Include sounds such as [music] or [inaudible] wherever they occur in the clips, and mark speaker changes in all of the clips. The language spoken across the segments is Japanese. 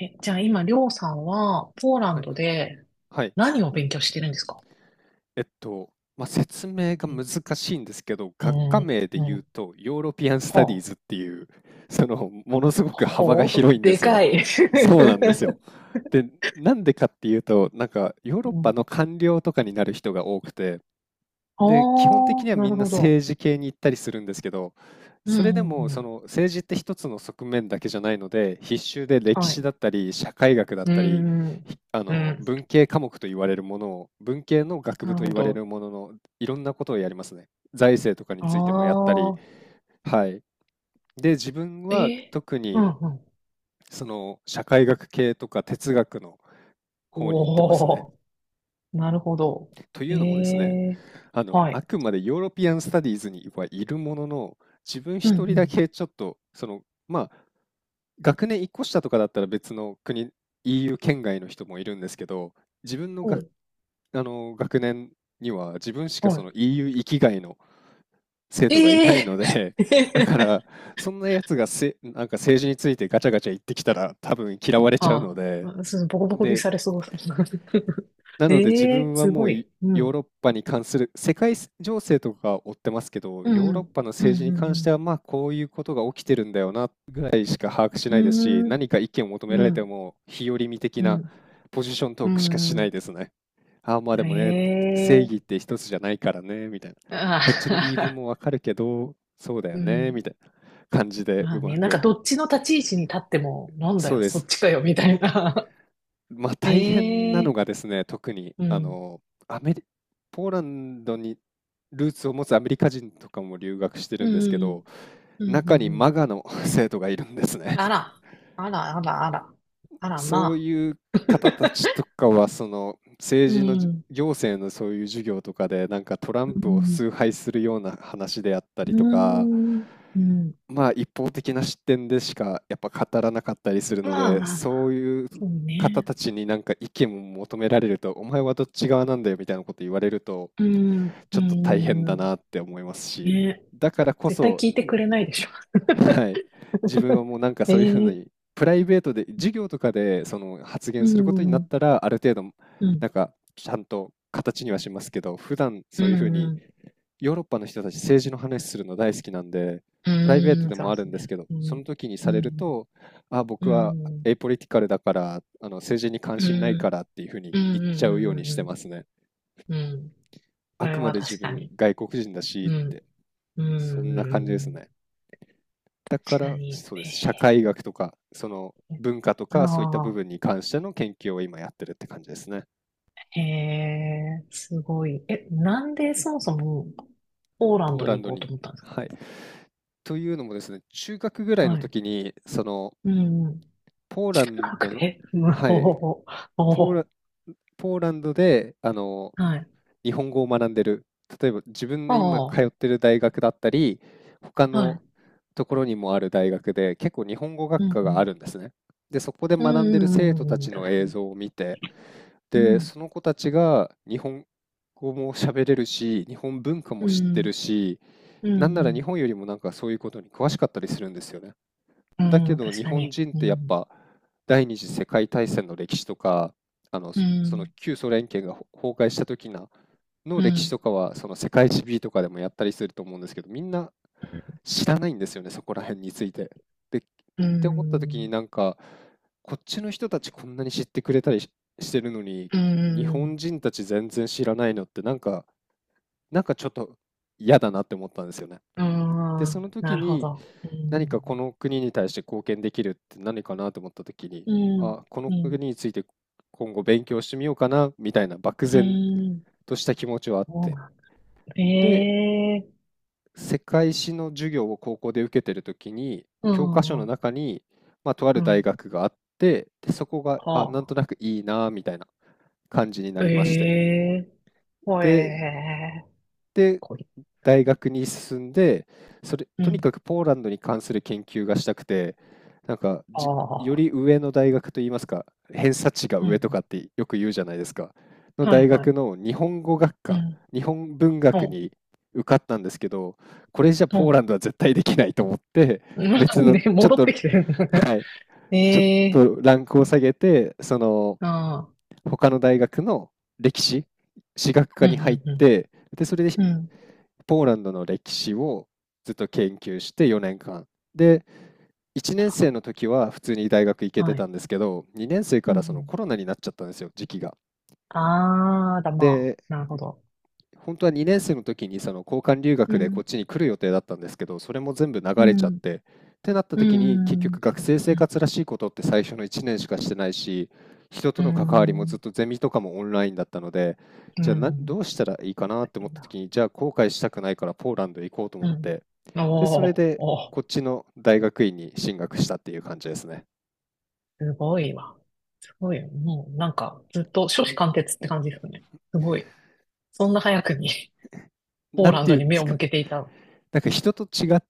Speaker 1: え、じゃあ今、りょうさんは、ポーラ
Speaker 2: は
Speaker 1: ン
Speaker 2: い
Speaker 1: ド
Speaker 2: はい。
Speaker 1: で
Speaker 2: はい。
Speaker 1: 何を勉強してるんですか？
Speaker 2: えっと、説明が
Speaker 1: う
Speaker 2: 難しいんですけど、学科
Speaker 1: ん、
Speaker 2: 名で
Speaker 1: う
Speaker 2: 言う
Speaker 1: ん、
Speaker 2: と、ヨーロピアン・スタディー
Speaker 1: は
Speaker 2: ズっていう、ものすご
Speaker 1: あ、
Speaker 2: く幅が
Speaker 1: ほう、
Speaker 2: 広いんで
Speaker 1: で
Speaker 2: すよ。
Speaker 1: かい。
Speaker 2: そうなん
Speaker 1: [laughs]
Speaker 2: ですよ。で、なんでかっていうと、ヨーロ
Speaker 1: う
Speaker 2: ッパ
Speaker 1: ん。
Speaker 2: の官僚とかになる人が多くて、
Speaker 1: あ
Speaker 2: で、基本的に
Speaker 1: あ、
Speaker 2: は
Speaker 1: な
Speaker 2: み
Speaker 1: る
Speaker 2: んな
Speaker 1: ほど。
Speaker 2: 政治系に行ったりするんですけど、
Speaker 1: うん、
Speaker 2: それで
Speaker 1: う
Speaker 2: も
Speaker 1: ん、う
Speaker 2: そ
Speaker 1: ん。
Speaker 2: の政治って一つの側面だけじゃないので、必修で歴
Speaker 1: は
Speaker 2: 史だ
Speaker 1: い。
Speaker 2: ったり、社会学だっ
Speaker 1: う
Speaker 2: たり、
Speaker 1: ん、
Speaker 2: ひあ
Speaker 1: う
Speaker 2: の
Speaker 1: ん、
Speaker 2: 文系科目と言われるものを、文系の学
Speaker 1: な
Speaker 2: 部
Speaker 1: る
Speaker 2: と
Speaker 1: ほ
Speaker 2: 言われ
Speaker 1: ど。
Speaker 2: るものの、いろんなことをやりますね。財政とかに
Speaker 1: あ
Speaker 2: ついてもやったり。
Speaker 1: あ、
Speaker 2: はい。で、自分
Speaker 1: え
Speaker 2: は
Speaker 1: ー、
Speaker 2: 特
Speaker 1: う
Speaker 2: に
Speaker 1: ん、うん。
Speaker 2: その社会学系とか哲学の方に行ってますね。
Speaker 1: おー、なるほど。
Speaker 2: とい
Speaker 1: え
Speaker 2: うのもですね、
Speaker 1: え、
Speaker 2: あの、
Speaker 1: は
Speaker 2: あ
Speaker 1: い。
Speaker 2: くまでヨーロピアンスタディーズにはいるものの、自分
Speaker 1: う
Speaker 2: 一人だ
Speaker 1: ん、
Speaker 2: けちょっと、学年一個下とかだったら別の国、EU 圏外の人もいるんですけど、自分の
Speaker 1: うん。は
Speaker 2: が、
Speaker 1: い。
Speaker 2: あの、学年には自分しか
Speaker 1: は
Speaker 2: その EU 域外の生
Speaker 1: い。
Speaker 2: 徒がい
Speaker 1: え
Speaker 2: ないの
Speaker 1: え
Speaker 2: で、[laughs] だか
Speaker 1: ー [laughs]
Speaker 2: ら、そんなやつがせ、なんか政治についてガチャガチャ言ってきたら多分嫌われちゃうの
Speaker 1: あ
Speaker 2: で、
Speaker 1: あ、そう、ボコボコに
Speaker 2: で、
Speaker 1: されそう。[laughs]
Speaker 2: なので自
Speaker 1: ええ、
Speaker 2: 分は
Speaker 1: す
Speaker 2: も
Speaker 1: ご
Speaker 2: うい
Speaker 1: い。う
Speaker 2: ヨーロ
Speaker 1: ん。
Speaker 2: ッパに関する世界情勢とか追ってますけど、
Speaker 1: う
Speaker 2: ヨーロッ
Speaker 1: ん。
Speaker 2: パの
Speaker 1: う
Speaker 2: 政治に関しては
Speaker 1: ん。
Speaker 2: まあこういうことが起きてるんだよなぐらいしか把握し
Speaker 1: う
Speaker 2: ないですし、
Speaker 1: ん。うん。
Speaker 2: 何か意見を求めら
Speaker 1: う
Speaker 2: れて
Speaker 1: ん。
Speaker 2: も日和見的
Speaker 1: う
Speaker 2: な
Speaker 1: ん。
Speaker 2: ポジショント
Speaker 1: う
Speaker 2: ークしかし
Speaker 1: んう
Speaker 2: ないで
Speaker 1: ん、
Speaker 2: すね。ああまあ
Speaker 1: え
Speaker 2: でもね、正義っ
Speaker 1: え、
Speaker 2: て一つじゃないからね、みたいな。
Speaker 1: あ
Speaker 2: こっちの言い分
Speaker 1: あ、
Speaker 2: もわかるけど、そうだ
Speaker 1: [laughs]
Speaker 2: よ
Speaker 1: う
Speaker 2: ね、み
Speaker 1: ん。
Speaker 2: たいな感じで
Speaker 1: ま
Speaker 2: う
Speaker 1: あ
Speaker 2: ま
Speaker 1: ね、なんか
Speaker 2: く。
Speaker 1: どっちの立ち位置に立っても、なんだ
Speaker 2: そう
Speaker 1: よ、
Speaker 2: で
Speaker 1: そ
Speaker 2: す。
Speaker 1: っちかよ、みたいな。
Speaker 2: まあ
Speaker 1: [laughs]
Speaker 2: 大変な
Speaker 1: え
Speaker 2: の
Speaker 1: え、
Speaker 2: がですね、特に
Speaker 1: う
Speaker 2: あ
Speaker 1: ん。
Speaker 2: のアメリ、ポーランドにルーツを持つアメリカ人とかも留学して
Speaker 1: う
Speaker 2: るんですけど、
Speaker 1: ん。うん。うん。う
Speaker 2: 中
Speaker 1: ん
Speaker 2: に
Speaker 1: う
Speaker 2: マ
Speaker 1: ん、
Speaker 2: ガの [laughs] 生徒がいるんですね。
Speaker 1: あら。あら、あら、あら。あら、
Speaker 2: そう
Speaker 1: ま
Speaker 2: いう
Speaker 1: あ。
Speaker 2: 方たち
Speaker 1: [laughs]
Speaker 2: とかは、その
Speaker 1: う
Speaker 2: 政治のじ
Speaker 1: ん。
Speaker 2: 行政のそういう授業とかで、なんかトラ
Speaker 1: う
Speaker 2: ンプを
Speaker 1: ん。
Speaker 2: 崇拝するような話であった
Speaker 1: う
Speaker 2: りとか、
Speaker 1: ん。うん。
Speaker 2: まあ、一方的な視点でしかやっぱ語らなかったりするの
Speaker 1: まあ
Speaker 2: で、
Speaker 1: まあま
Speaker 2: そう
Speaker 1: あ、
Speaker 2: いう
Speaker 1: そう
Speaker 2: 方
Speaker 1: ね。
Speaker 2: たちになんか意見を求められると、お前はどっち側なんだよみたいなこと言われると、
Speaker 1: うん、う
Speaker 2: ちょっと大
Speaker 1: ん、
Speaker 2: 変だ
Speaker 1: うん、
Speaker 2: なって思いますし、
Speaker 1: ね。
Speaker 2: だからこ
Speaker 1: 絶対
Speaker 2: そ、
Speaker 1: 聞いてくれないでしょ。
Speaker 2: はい、自分はもうなんかそういうふうに、
Speaker 1: [laughs] ええ、
Speaker 2: プライベートで、授業とかでその発
Speaker 1: う
Speaker 2: 言することになっ
Speaker 1: ん、
Speaker 2: たら、ある程度、
Speaker 1: うん、
Speaker 2: なんかちゃんと形にはしますけど、普段
Speaker 1: う
Speaker 2: そういうふうに
Speaker 1: ん、
Speaker 2: ヨーロッパの人たち政治の話するの大好きなんで、
Speaker 1: う
Speaker 2: プライベー
Speaker 1: ん、
Speaker 2: ト
Speaker 1: うん、
Speaker 2: で
Speaker 1: そう
Speaker 2: も
Speaker 1: で
Speaker 2: ある
Speaker 1: す
Speaker 2: んです
Speaker 1: ね。
Speaker 2: けど、
Speaker 1: う
Speaker 2: そ
Speaker 1: ん、
Speaker 2: の時にさ
Speaker 1: う
Speaker 2: れる
Speaker 1: ん、
Speaker 2: と、あ、
Speaker 1: う
Speaker 2: 僕はエ
Speaker 1: ん、
Speaker 2: イポリティカルだから、あの政治に関
Speaker 1: う
Speaker 2: 心ないか
Speaker 1: ん、
Speaker 2: らっていうふうに
Speaker 1: うん、う
Speaker 2: 言っちゃうように
Speaker 1: ん、
Speaker 2: し
Speaker 1: う
Speaker 2: てま
Speaker 1: ん、
Speaker 2: すね。
Speaker 1: うん、うん、そ
Speaker 2: あ
Speaker 1: れ
Speaker 2: くま
Speaker 1: は
Speaker 2: で自
Speaker 1: 確か
Speaker 2: 分
Speaker 1: に。
Speaker 2: 外国人だし
Speaker 1: う
Speaker 2: っ
Speaker 1: ん、
Speaker 2: て、
Speaker 1: う
Speaker 2: そん
Speaker 1: ん、
Speaker 2: な
Speaker 1: う
Speaker 2: 感じです
Speaker 1: ん、
Speaker 2: ね。だか
Speaker 1: 確か
Speaker 2: ら、
Speaker 1: に。
Speaker 2: そうで
Speaker 1: え
Speaker 2: す。社
Speaker 1: え、
Speaker 2: 会学とか、その文化と
Speaker 1: あ
Speaker 2: かそういった部分
Speaker 1: あ、
Speaker 2: に関しての研究を今やってるって感じですね。
Speaker 1: へえ、すごい。え、なんでそもそもポーラン
Speaker 2: ポー
Speaker 1: ド
Speaker 2: ラ
Speaker 1: に
Speaker 2: ン
Speaker 1: 行
Speaker 2: ド
Speaker 1: こうと
Speaker 2: に。
Speaker 1: 思ったんですか？
Speaker 2: はい。というのもですね、中学ぐらいの
Speaker 1: はい。
Speaker 2: 時に、その、
Speaker 1: うん、
Speaker 2: ポーランド
Speaker 1: 確
Speaker 2: の、
Speaker 1: 定。[laughs] 無
Speaker 2: は
Speaker 1: 法。
Speaker 2: い、ポー
Speaker 1: おー、
Speaker 2: ラ、ポーランドで、あの、
Speaker 1: はい。
Speaker 2: 日本語を学んでる。例えば自分
Speaker 1: あ
Speaker 2: の今通
Speaker 1: あ、
Speaker 2: ってる大学だったり、他
Speaker 1: はい。
Speaker 2: のところにもある大学で結構日本語
Speaker 1: う
Speaker 2: 学
Speaker 1: ん、
Speaker 2: 科
Speaker 1: う
Speaker 2: があ
Speaker 1: ん。
Speaker 2: るんですね。で、そこで
Speaker 1: う
Speaker 2: 学んで
Speaker 1: ん、
Speaker 2: る
Speaker 1: うん、
Speaker 2: 生徒
Speaker 1: う
Speaker 2: た
Speaker 1: ん、うん、
Speaker 2: ち
Speaker 1: 確
Speaker 2: の
Speaker 1: か
Speaker 2: 映
Speaker 1: に。
Speaker 2: 像を見て、
Speaker 1: う
Speaker 2: で、
Speaker 1: ん、
Speaker 2: その子たちが日本語も喋れるし、日本文化
Speaker 1: う
Speaker 2: も知ってる
Speaker 1: ん、
Speaker 2: し、
Speaker 1: うん、うん、
Speaker 2: なんなら日本よりもなんかそういうことに詳しかったりするんですよね。
Speaker 1: う
Speaker 2: だけ
Speaker 1: ん、
Speaker 2: ど
Speaker 1: 確
Speaker 2: 日
Speaker 1: か
Speaker 2: 本
Speaker 1: に。
Speaker 2: 人っ
Speaker 1: う
Speaker 2: てやっ
Speaker 1: ん、
Speaker 2: ぱ第二次世界大戦の歴史とかあの
Speaker 1: う
Speaker 2: そその
Speaker 1: ん、
Speaker 2: 旧ソ連圏が崩壊した時なの
Speaker 1: う
Speaker 2: 歴史
Speaker 1: ん、
Speaker 2: とかはその世界史 B とかでもやったりすると思うんですけど、みんな知らないんですよね、そこら辺について。でっ
Speaker 1: う
Speaker 2: て思った時に、
Speaker 1: ん、
Speaker 2: なんかこっちの人たちこんなに知ってくれたりしてるのに
Speaker 1: う
Speaker 2: 日本
Speaker 1: ん、
Speaker 2: 人たち全然知らないのって、なんかちょっと嫌だなって思ったんですよね。
Speaker 1: う
Speaker 2: で、その
Speaker 1: ん、な
Speaker 2: 時
Speaker 1: るほ
Speaker 2: に
Speaker 1: ど。う
Speaker 2: 何かこ
Speaker 1: ん、
Speaker 2: の国に対して貢献できるって何かなと思った時に、
Speaker 1: うん、
Speaker 2: あ、この
Speaker 1: うん、
Speaker 2: 国について今後勉強してみようかなみたいな漠
Speaker 1: う
Speaker 2: 然
Speaker 1: ん、
Speaker 2: とした気持ちはあっ
Speaker 1: そう
Speaker 2: て。
Speaker 1: なんだ。え
Speaker 2: で、
Speaker 1: え、
Speaker 2: 世界史の授業を高校で受けてる時に、
Speaker 1: う
Speaker 2: 教科書
Speaker 1: ん、
Speaker 2: の
Speaker 1: う
Speaker 2: 中に、まあ、とある
Speaker 1: ん、
Speaker 2: 大学があって、で、そこが、あ、なん
Speaker 1: は
Speaker 2: となくいいなみたいな感じにな
Speaker 1: あ。え
Speaker 2: りまして。
Speaker 1: え、ほ
Speaker 2: で、
Speaker 1: えー、
Speaker 2: で、
Speaker 1: こい。
Speaker 2: 大学に進んで、それ、
Speaker 1: う
Speaker 2: とにか
Speaker 1: ん、
Speaker 2: くポーランドに関する研究がしたくて、なんか
Speaker 1: あ
Speaker 2: じ、より
Speaker 1: あ。
Speaker 2: 上の大学といいますか、偏差値が
Speaker 1: う
Speaker 2: 上と
Speaker 1: ん。
Speaker 2: かってよく言うじゃないですか、の
Speaker 1: はい
Speaker 2: 大
Speaker 1: は
Speaker 2: 学
Speaker 1: い。
Speaker 2: の日本語学
Speaker 1: う
Speaker 2: 科、
Speaker 1: ん。
Speaker 2: 日本文
Speaker 1: ほ
Speaker 2: 学
Speaker 1: う。
Speaker 2: に受かったんですけど、これじゃポ
Speaker 1: ほ
Speaker 2: ーラ
Speaker 1: う。
Speaker 2: ンドは絶対できないと思って、別
Speaker 1: うん [laughs]
Speaker 2: の、
Speaker 1: ね、
Speaker 2: ちょっ
Speaker 1: 戻っ
Speaker 2: と、
Speaker 1: てきてる。
Speaker 2: はい、
Speaker 1: [laughs] え
Speaker 2: ちょっ
Speaker 1: え
Speaker 2: とランクを下げて、その、
Speaker 1: ー。ああ。
Speaker 2: 他の大学の歴史、史学
Speaker 1: う
Speaker 2: 科
Speaker 1: ん
Speaker 2: に入っ
Speaker 1: うん、
Speaker 2: て、で、それで
Speaker 1: うん。うん。
Speaker 2: ポーランドの歴史をずっと研究して4年間。で、1年生の時は普通に大学行けて
Speaker 1: は
Speaker 2: た
Speaker 1: い。
Speaker 2: んですけど、2年生か
Speaker 1: うんう
Speaker 2: らその
Speaker 1: ん。
Speaker 2: コロナになっちゃったんですよ、時期が。
Speaker 1: ああ、だ、まあ。
Speaker 2: で、
Speaker 1: なるほど。
Speaker 2: 本当は2年生の時にその交換留
Speaker 1: う
Speaker 2: 学でこ
Speaker 1: ん。
Speaker 2: っちに来る予定だったんですけど、それも全部流
Speaker 1: う
Speaker 2: れちゃっ
Speaker 1: ん。
Speaker 2: て、ってなった
Speaker 1: う
Speaker 2: 時に結
Speaker 1: ん。
Speaker 2: 局学生
Speaker 1: う
Speaker 2: 生
Speaker 1: ん。
Speaker 2: 活らしいことって最初の1年しかしてないし、人と
Speaker 1: う
Speaker 2: の関わりもずっ
Speaker 1: ん。
Speaker 2: とゼミとかもオンラインだったので、
Speaker 1: う
Speaker 2: じゃあ
Speaker 1: ん。
Speaker 2: どうしたらいいかなっ
Speaker 1: 大
Speaker 2: て思っ
Speaker 1: 変
Speaker 2: た
Speaker 1: だ。
Speaker 2: 時に、じゃあ後悔したくないからポーランド行こうと思
Speaker 1: う
Speaker 2: っ
Speaker 1: ん。
Speaker 2: て、で、それ
Speaker 1: おー
Speaker 2: で、
Speaker 1: おー、
Speaker 2: こっちの大学院に進学したっていう感じですね。
Speaker 1: すごいわ。すごいよ。もうなんか、ずっと初志貫徹って感じですね。すごい。そんな早くに [laughs] ポー
Speaker 2: なん
Speaker 1: ラン
Speaker 2: て
Speaker 1: ド
Speaker 2: いう
Speaker 1: に
Speaker 2: んで
Speaker 1: 目
Speaker 2: す
Speaker 1: を
Speaker 2: か、
Speaker 1: 向けていた。
Speaker 2: なんか人と違っ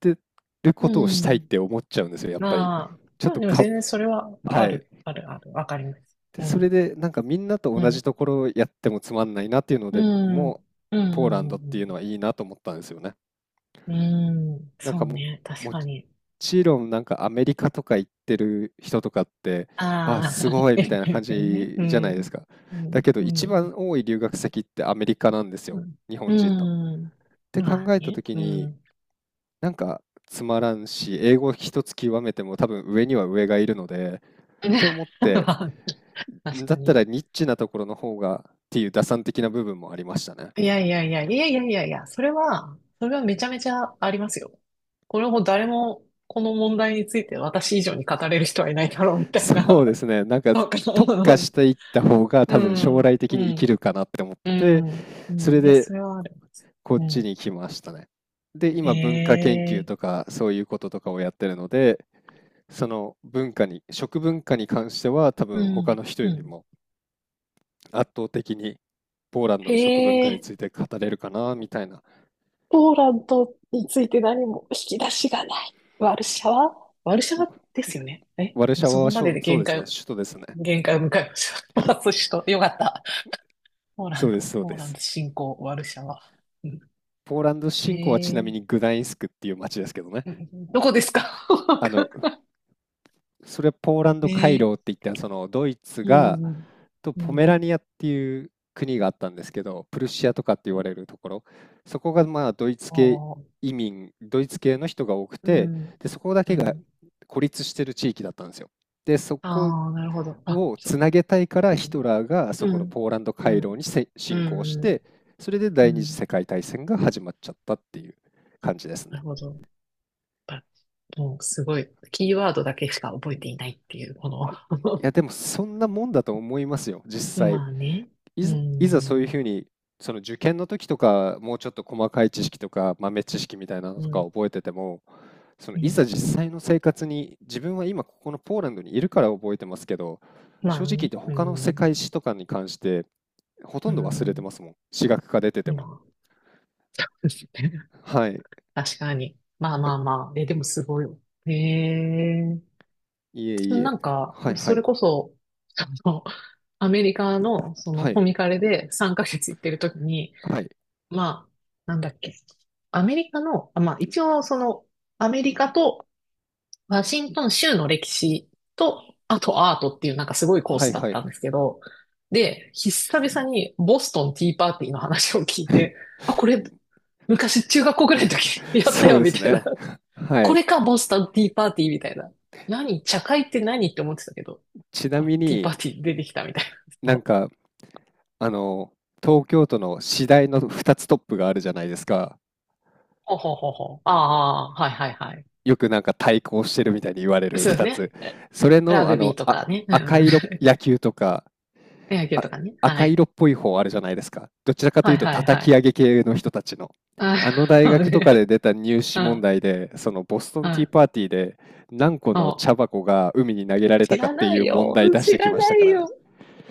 Speaker 2: てる
Speaker 1: う
Speaker 2: ことをしたいっ
Speaker 1: ん。
Speaker 2: て思っちゃうんですよ、やっぱり。
Speaker 1: まあ、
Speaker 2: ちょっ
Speaker 1: まあ
Speaker 2: と
Speaker 1: でも
Speaker 2: か、
Speaker 1: 全然それは
Speaker 2: は
Speaker 1: あ
Speaker 2: い。
Speaker 1: る、ある、ある、わかります。
Speaker 2: で、
Speaker 1: う
Speaker 2: それ
Speaker 1: ん、
Speaker 2: で、なんかみんなと
Speaker 1: う
Speaker 2: 同じ
Speaker 1: ん、
Speaker 2: ところをやってもつまんないなっていうの
Speaker 1: う
Speaker 2: で、
Speaker 1: ん、う
Speaker 2: も
Speaker 1: ん、
Speaker 2: う、
Speaker 1: う
Speaker 2: ポーランドっていうの
Speaker 1: ん、
Speaker 2: はいいなと思ったんですよね。
Speaker 1: うん、うんうん、
Speaker 2: なん
Speaker 1: そ
Speaker 2: か
Speaker 1: う
Speaker 2: も、
Speaker 1: ね、確
Speaker 2: も
Speaker 1: かに。
Speaker 2: ちろんなんかアメリカとか行ってる人とかって、あ、
Speaker 1: あ
Speaker 2: す
Speaker 1: あ、
Speaker 2: ご
Speaker 1: [laughs]
Speaker 2: いみた
Speaker 1: で
Speaker 2: いな感
Speaker 1: すよね。
Speaker 2: じ
Speaker 1: う
Speaker 2: じゃないで
Speaker 1: ん、
Speaker 2: すか。
Speaker 1: う
Speaker 2: だ
Speaker 1: ん、
Speaker 2: けど
Speaker 1: う
Speaker 2: 一
Speaker 1: ん、
Speaker 2: 番多い留学先ってアメリカなんです
Speaker 1: う
Speaker 2: よ。
Speaker 1: ん、
Speaker 2: 日本人の。っ
Speaker 1: うん、
Speaker 2: て考
Speaker 1: まあ
Speaker 2: えた
Speaker 1: ね、
Speaker 2: 時
Speaker 1: う
Speaker 2: に、
Speaker 1: ん。
Speaker 2: なんかつまらんし、英語一つ極めても多分上には上がいるので、
Speaker 1: [laughs]
Speaker 2: って思って、
Speaker 1: 確か
Speaker 2: だった
Speaker 1: に。
Speaker 2: らニッチなところの方がっていう打算的な部分もありましたね。
Speaker 1: いやいやいや、いやいやいやいや、それは、それはめちゃめちゃありますよ。これも誰も、この問題について私以上に語れる人はいないだろう、みたい
Speaker 2: そ
Speaker 1: な。
Speaker 2: うですね。なんか
Speaker 1: そうか。
Speaker 2: 特化
Speaker 1: [laughs]
Speaker 2: していった方が
Speaker 1: う
Speaker 2: 多分将
Speaker 1: ん。
Speaker 2: 来的
Speaker 1: う
Speaker 2: に生き
Speaker 1: ん。
Speaker 2: るかなって思っ
Speaker 1: う
Speaker 2: て、
Speaker 1: ん。う
Speaker 2: それ
Speaker 1: ん。いや、
Speaker 2: で
Speaker 1: それはある。
Speaker 2: こっ
Speaker 1: う
Speaker 2: ち
Speaker 1: ん。
Speaker 2: に来ましたね。で、
Speaker 1: へ
Speaker 2: 今文化研究
Speaker 1: え。
Speaker 2: とかそういうこととかをやってるので、その文化に、食文化に関しては多
Speaker 1: う
Speaker 2: 分他の
Speaker 1: ん。
Speaker 2: 人
Speaker 1: う
Speaker 2: より
Speaker 1: ん。
Speaker 2: も圧倒的にポーランド
Speaker 1: へ
Speaker 2: の食文化に
Speaker 1: え。
Speaker 2: ついて語れるかなみたいな。
Speaker 1: ポーランドについて何も引き出しがない。ワルシャワ、ワルシャ
Speaker 2: う
Speaker 1: ワですよね。え、
Speaker 2: ワルシ
Speaker 1: もう
Speaker 2: ャ
Speaker 1: そ
Speaker 2: ワは
Speaker 1: こま
Speaker 2: そ
Speaker 1: で
Speaker 2: う
Speaker 1: で
Speaker 2: そう
Speaker 1: 限
Speaker 2: です
Speaker 1: 界
Speaker 2: ね、
Speaker 1: を、
Speaker 2: 首都ですね。
Speaker 1: 限界を迎えました。[laughs] 私と、よかった。ポーラ
Speaker 2: そ
Speaker 1: ン
Speaker 2: うです、
Speaker 1: ド、
Speaker 2: そう
Speaker 1: ポー
Speaker 2: で
Speaker 1: ラン
Speaker 2: す。
Speaker 1: ド侵攻、ワルシャワ。うん、
Speaker 2: ポーランド侵攻はちな
Speaker 1: え
Speaker 2: み
Speaker 1: ー、
Speaker 2: にグダインスクっていう街ですけどね。
Speaker 1: うん、どこですか？
Speaker 2: あの、それはポーラン
Speaker 1: [laughs]
Speaker 2: ド回
Speaker 1: え
Speaker 2: 廊って
Speaker 1: ー、
Speaker 2: 言った、そのドイツ
Speaker 1: う
Speaker 2: が
Speaker 1: ん、
Speaker 2: と
Speaker 1: う
Speaker 2: ポメ
Speaker 1: ん。
Speaker 2: ラニアっていう国があったんですけど、プルシアとかって言われるところ、そこがまあドイツ
Speaker 1: あ
Speaker 2: 系
Speaker 1: あ、
Speaker 2: 移民、ドイツ系の人が多く
Speaker 1: う
Speaker 2: て、
Speaker 1: ん。
Speaker 2: でそこだ
Speaker 1: う
Speaker 2: けが
Speaker 1: ん。
Speaker 2: 孤立してる地域だったんですよ。でそこ
Speaker 1: ああ、なるほど。あ、
Speaker 2: を
Speaker 1: そ
Speaker 2: つなげたいからヒトラーがそ
Speaker 1: う。う
Speaker 2: この
Speaker 1: ん。
Speaker 2: ポーランド
Speaker 1: う
Speaker 2: 回廊
Speaker 1: ん。
Speaker 2: に
Speaker 1: う
Speaker 2: 侵攻し
Speaker 1: ん。うん。
Speaker 2: て、それで
Speaker 1: う
Speaker 2: 第二次
Speaker 1: ん、
Speaker 2: 世界大戦が始まっちゃったっていう感じです
Speaker 1: な
Speaker 2: ね。
Speaker 1: るほど。やっぱもうすごい、キーワードだけしか覚えていないっていう、こ
Speaker 2: い
Speaker 1: の
Speaker 2: やでもそんなもんだと思いますよ、
Speaker 1: [laughs]
Speaker 2: 実際。
Speaker 1: まあね。
Speaker 2: い
Speaker 1: う
Speaker 2: ざ、いざそういう
Speaker 1: ん。
Speaker 2: ふうに、その受験の時とか、もうちょっと細かい知識とか、豆知識みたいなの
Speaker 1: う
Speaker 2: とか
Speaker 1: ん。
Speaker 2: 覚えてても、その
Speaker 1: う
Speaker 2: い
Speaker 1: ん。
Speaker 2: ざ実際の生活に、自分は今ここのポーランドにいるから覚えてますけど、
Speaker 1: ま
Speaker 2: 正
Speaker 1: あ
Speaker 2: 直言っ
Speaker 1: ね。
Speaker 2: て
Speaker 1: う
Speaker 2: 他の世
Speaker 1: ん。
Speaker 2: 界史とかに関して、ほと
Speaker 1: う
Speaker 2: んど忘れて
Speaker 1: ん。
Speaker 2: ますもん。史学科出てて
Speaker 1: ま
Speaker 2: も。
Speaker 1: あ。[laughs]
Speaker 2: はい。
Speaker 1: 確かに。まあ
Speaker 2: だ
Speaker 1: まあまあ。え、でもすごい。へえ。
Speaker 2: いえい
Speaker 1: な
Speaker 2: え。
Speaker 1: んか、
Speaker 2: はいは
Speaker 1: そ
Speaker 2: い。
Speaker 1: れこそ、あの、アメリカの、その、
Speaker 2: は
Speaker 1: コ
Speaker 2: い。
Speaker 1: ミカレで3ヶ月行ってる時に、
Speaker 2: はい。
Speaker 1: まあ、なんだっけ、アメリカの、あ、まあ、一応、その、アメリカとワシントン州の歴史と、あとアートっていう、なんかすごいコー
Speaker 2: は
Speaker 1: ス
Speaker 2: い
Speaker 1: だっ
Speaker 2: は
Speaker 1: た
Speaker 2: い。
Speaker 1: んですけど、で、久々にボストンティーパーティーの話を聞いて、
Speaker 2: [laughs]
Speaker 1: あ、これ、昔中学校ぐらいの時 [laughs] やった
Speaker 2: そう
Speaker 1: よ、
Speaker 2: で
Speaker 1: み
Speaker 2: す
Speaker 1: たいな。
Speaker 2: ね。は
Speaker 1: こ
Speaker 2: い。
Speaker 1: れか、ボストンティーパーティーみたいな。何、茶会って何って思ってたけど、
Speaker 2: ちな
Speaker 1: あ、
Speaker 2: み
Speaker 1: ティーパー
Speaker 2: に、
Speaker 1: ティー出てきたみたい
Speaker 2: な
Speaker 1: な。
Speaker 2: ん
Speaker 1: [laughs]
Speaker 2: かあの、東京都の私大の2つトップがあるじゃないですか。
Speaker 1: ほうほうほうほう。ああ、はいはいはい。
Speaker 2: よくなんか対抗してるみたいに言われる
Speaker 1: そうです
Speaker 2: 2つ。
Speaker 1: ね。え、
Speaker 2: それ
Speaker 1: ラ
Speaker 2: の、
Speaker 1: グビーとかね。う
Speaker 2: 赤
Speaker 1: んうん。
Speaker 2: 色
Speaker 1: [laughs]
Speaker 2: 野球とか、
Speaker 1: 野球
Speaker 2: あ、
Speaker 1: とかね。は
Speaker 2: 赤
Speaker 1: い。
Speaker 2: 色っぽい方あるじゃないですか。どちらかと
Speaker 1: は
Speaker 2: いう
Speaker 1: い
Speaker 2: と
Speaker 1: はいは
Speaker 2: 叩き
Speaker 1: い。
Speaker 2: 上げ系の人たちの。
Speaker 1: あ、
Speaker 2: あの大
Speaker 1: そう
Speaker 2: 学と
Speaker 1: ね。
Speaker 2: かで出た入
Speaker 1: う
Speaker 2: 試問
Speaker 1: ん、
Speaker 2: 題で、そのボスト
Speaker 1: う
Speaker 2: ンティー
Speaker 1: ん。
Speaker 2: パーティーで何個の
Speaker 1: そ
Speaker 2: 茶箱が海に投げら
Speaker 1: う。
Speaker 2: れた
Speaker 1: 知
Speaker 2: かっ
Speaker 1: ら
Speaker 2: て
Speaker 1: な
Speaker 2: い
Speaker 1: い
Speaker 2: う問
Speaker 1: よ。
Speaker 2: 題出し
Speaker 1: 知
Speaker 2: てき
Speaker 1: ら
Speaker 2: ました
Speaker 1: な
Speaker 2: か
Speaker 1: い
Speaker 2: ら
Speaker 1: よ。
Speaker 2: ね。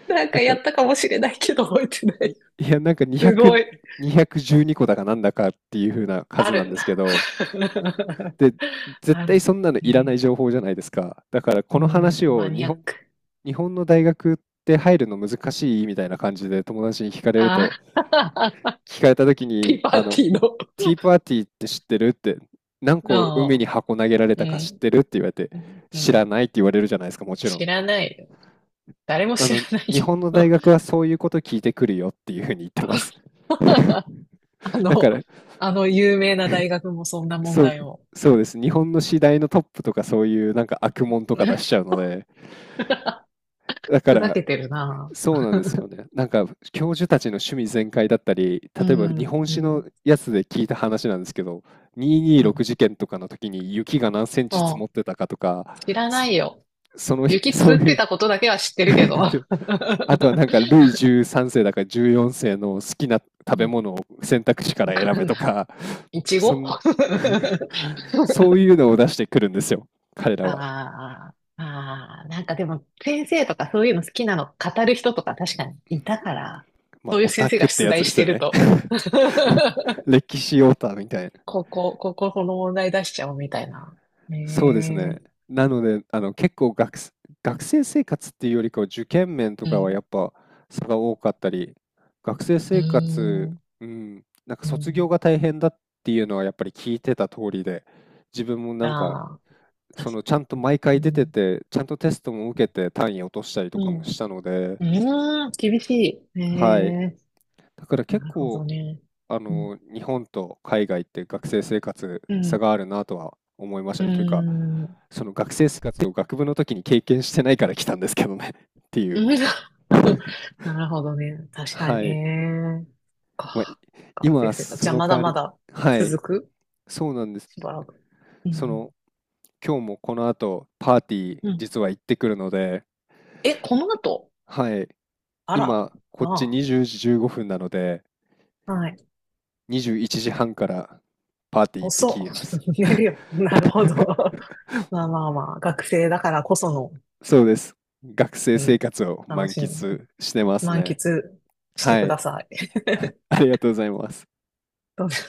Speaker 1: なんか
Speaker 2: だ
Speaker 1: や
Speaker 2: から、
Speaker 1: ったかもしれないけど覚えてな
Speaker 2: ん
Speaker 1: い。
Speaker 2: いや、なんか
Speaker 1: すご
Speaker 2: 200、
Speaker 1: い。
Speaker 2: 212個だかなんだかっていう風な
Speaker 1: あ
Speaker 2: 数な
Speaker 1: る
Speaker 2: ん
Speaker 1: ん
Speaker 2: で
Speaker 1: だ。
Speaker 2: すけど、
Speaker 1: [laughs]
Speaker 2: で、絶
Speaker 1: ある
Speaker 2: 対
Speaker 1: ん
Speaker 2: そ
Speaker 1: だ。
Speaker 2: んなのいらな
Speaker 1: ね、
Speaker 2: い情報じゃないですか。だから
Speaker 1: う
Speaker 2: この話
Speaker 1: ん、マ
Speaker 2: を
Speaker 1: ニアック。
Speaker 2: 日本の大学って入るの難しいみたいな感じで友達に聞かれる
Speaker 1: あ
Speaker 2: と、
Speaker 1: あ、
Speaker 2: 聞かれた時
Speaker 1: [laughs] テ
Speaker 2: に、
Speaker 1: ィーパー
Speaker 2: あ
Speaker 1: テ
Speaker 2: の、
Speaker 1: ィーの。
Speaker 2: ティーパーティーって知ってるって、何個海
Speaker 1: あ
Speaker 2: に
Speaker 1: あ、
Speaker 2: 箱投げられ
Speaker 1: う
Speaker 2: たか知っ
Speaker 1: ん。
Speaker 2: てるって言われて、
Speaker 1: うん。う
Speaker 2: 知ら
Speaker 1: ん。
Speaker 2: ないって言われるじゃないですか、もちろん。
Speaker 1: 知らないよ。誰も
Speaker 2: あ
Speaker 1: 知ら
Speaker 2: の、
Speaker 1: ない
Speaker 2: 日本の大
Speaker 1: よ。
Speaker 2: 学はそういうこと聞いてくるよっていうふうに言ってます。
Speaker 1: [laughs] あ
Speaker 2: だか
Speaker 1: の、
Speaker 2: ら、
Speaker 1: あの有名な大学もそんな問
Speaker 2: そう、
Speaker 1: 題を。
Speaker 2: そうです。日本の次第のトップとかそういうなんか悪もんとか出しちゃうので、
Speaker 1: [laughs]
Speaker 2: だか
Speaker 1: ふざ
Speaker 2: ら
Speaker 1: けてるな。
Speaker 2: そうなんですよね。なんか教授たちの趣味全開だったり、
Speaker 1: う
Speaker 2: 例えば日
Speaker 1: ん、
Speaker 2: 本
Speaker 1: う
Speaker 2: 史の
Speaker 1: ん、
Speaker 2: やつで聞いた話なんですけど、
Speaker 1: うん。
Speaker 2: 226事件とかの時に雪が何センチ積もっ
Speaker 1: も
Speaker 2: てたかとか、
Speaker 1: う、知らな
Speaker 2: そ、
Speaker 1: いよ。
Speaker 2: その日、[laughs]
Speaker 1: 雪
Speaker 2: そ
Speaker 1: 積
Speaker 2: う
Speaker 1: っ
Speaker 2: い
Speaker 1: て
Speaker 2: う
Speaker 1: たことだけは知ってるけど。
Speaker 2: [laughs] あとは
Speaker 1: [laughs]
Speaker 2: なんか、ルイ13世だから14世の好きな
Speaker 1: う
Speaker 2: 食べ
Speaker 1: ん、
Speaker 2: 物を選択肢か
Speaker 1: わ
Speaker 2: ら選
Speaker 1: か
Speaker 2: べ
Speaker 1: ん
Speaker 2: と
Speaker 1: ない。
Speaker 2: か、
Speaker 1: いち
Speaker 2: そ
Speaker 1: ご [laughs]
Speaker 2: ん
Speaker 1: あ
Speaker 2: [laughs] そういうのを出してくるんですよ、彼らは。
Speaker 1: あ、ああ、なんかでも先生とかそういうの好きなの語る人とか確かにいたから、
Speaker 2: まあ、
Speaker 1: そういう
Speaker 2: オ
Speaker 1: 先
Speaker 2: タ
Speaker 1: 生
Speaker 2: ク
Speaker 1: が
Speaker 2: って
Speaker 1: 出
Speaker 2: やつ
Speaker 1: 題
Speaker 2: で
Speaker 1: し
Speaker 2: す
Speaker 1: て
Speaker 2: よ
Speaker 1: る
Speaker 2: ね。
Speaker 1: と [laughs]
Speaker 2: [laughs] 歴史オタみたいな。
Speaker 1: ここ、ここ、この問題出しちゃおうみたいな。
Speaker 2: そうですね。
Speaker 1: ね、
Speaker 2: なので、あの、結構学生生活っていうよりかは受験面と
Speaker 1: え。う
Speaker 2: かはや
Speaker 1: ん。
Speaker 2: っぱ差が多かったり、学生
Speaker 1: うー
Speaker 2: 生活、
Speaker 1: ん。
Speaker 2: うん、なんか
Speaker 1: う
Speaker 2: 卒業
Speaker 1: ん。
Speaker 2: が大変だっていうのはやっぱり聞いてた通りで、自分もなんか、
Speaker 1: ああ、
Speaker 2: そ
Speaker 1: 確か
Speaker 2: のちゃんと
Speaker 1: に。
Speaker 2: 毎
Speaker 1: う
Speaker 2: 回出て
Speaker 1: ん。
Speaker 2: て、ちゃんとテストも受けて単位落としたりと
Speaker 1: う
Speaker 2: か
Speaker 1: ん。
Speaker 2: もしたので、
Speaker 1: うーん、厳しい。
Speaker 2: はい。
Speaker 1: ね、
Speaker 2: だから
Speaker 1: え。な
Speaker 2: 結
Speaker 1: るほ
Speaker 2: 構、
Speaker 1: どね。
Speaker 2: あ
Speaker 1: うん。
Speaker 2: の、日本と海外って学生生活
Speaker 1: う
Speaker 2: 差
Speaker 1: ん。
Speaker 2: があるなとは思いました
Speaker 1: うー
Speaker 2: ね。というか、
Speaker 1: ん。うん
Speaker 2: その学生生活を学部の時に経験してないから来たんですけどね [laughs] っていう。
Speaker 1: [laughs] なるほどね。確か
Speaker 2: は
Speaker 1: に。え
Speaker 2: い。
Speaker 1: え。
Speaker 2: まあ、い
Speaker 1: か。学生
Speaker 2: 今、
Speaker 1: 生活。
Speaker 2: そ
Speaker 1: じゃあ、
Speaker 2: の
Speaker 1: ま
Speaker 2: 代
Speaker 1: だ
Speaker 2: わ
Speaker 1: ま
Speaker 2: り、
Speaker 1: だ
Speaker 2: はい。
Speaker 1: 続く
Speaker 2: そうなんです。
Speaker 1: しばらく。う
Speaker 2: そ
Speaker 1: ん。
Speaker 2: の、今日もこの後、パーティー、
Speaker 1: うん。
Speaker 2: 実は行ってくるので、
Speaker 1: え、この後？
Speaker 2: はい。
Speaker 1: あら、
Speaker 2: 今、こっち
Speaker 1: な
Speaker 2: 20時15分なので、
Speaker 1: あ。はい。
Speaker 2: 21時半からパーティー行って
Speaker 1: 遅
Speaker 2: きま
Speaker 1: っ。
Speaker 2: す。
Speaker 1: [laughs] 寝るよ。なるほど。[laughs] まあまあまあ、学生だからこその、
Speaker 2: そうです。学生
Speaker 1: う
Speaker 2: 生
Speaker 1: ん、
Speaker 2: 活を
Speaker 1: 楽
Speaker 2: 満
Speaker 1: しみ。
Speaker 2: 喫してます
Speaker 1: 満喫
Speaker 2: ね。
Speaker 1: して
Speaker 2: は
Speaker 1: く
Speaker 2: い。
Speaker 1: ださい。[laughs]
Speaker 2: ありがとうございます。
Speaker 1: どうぞ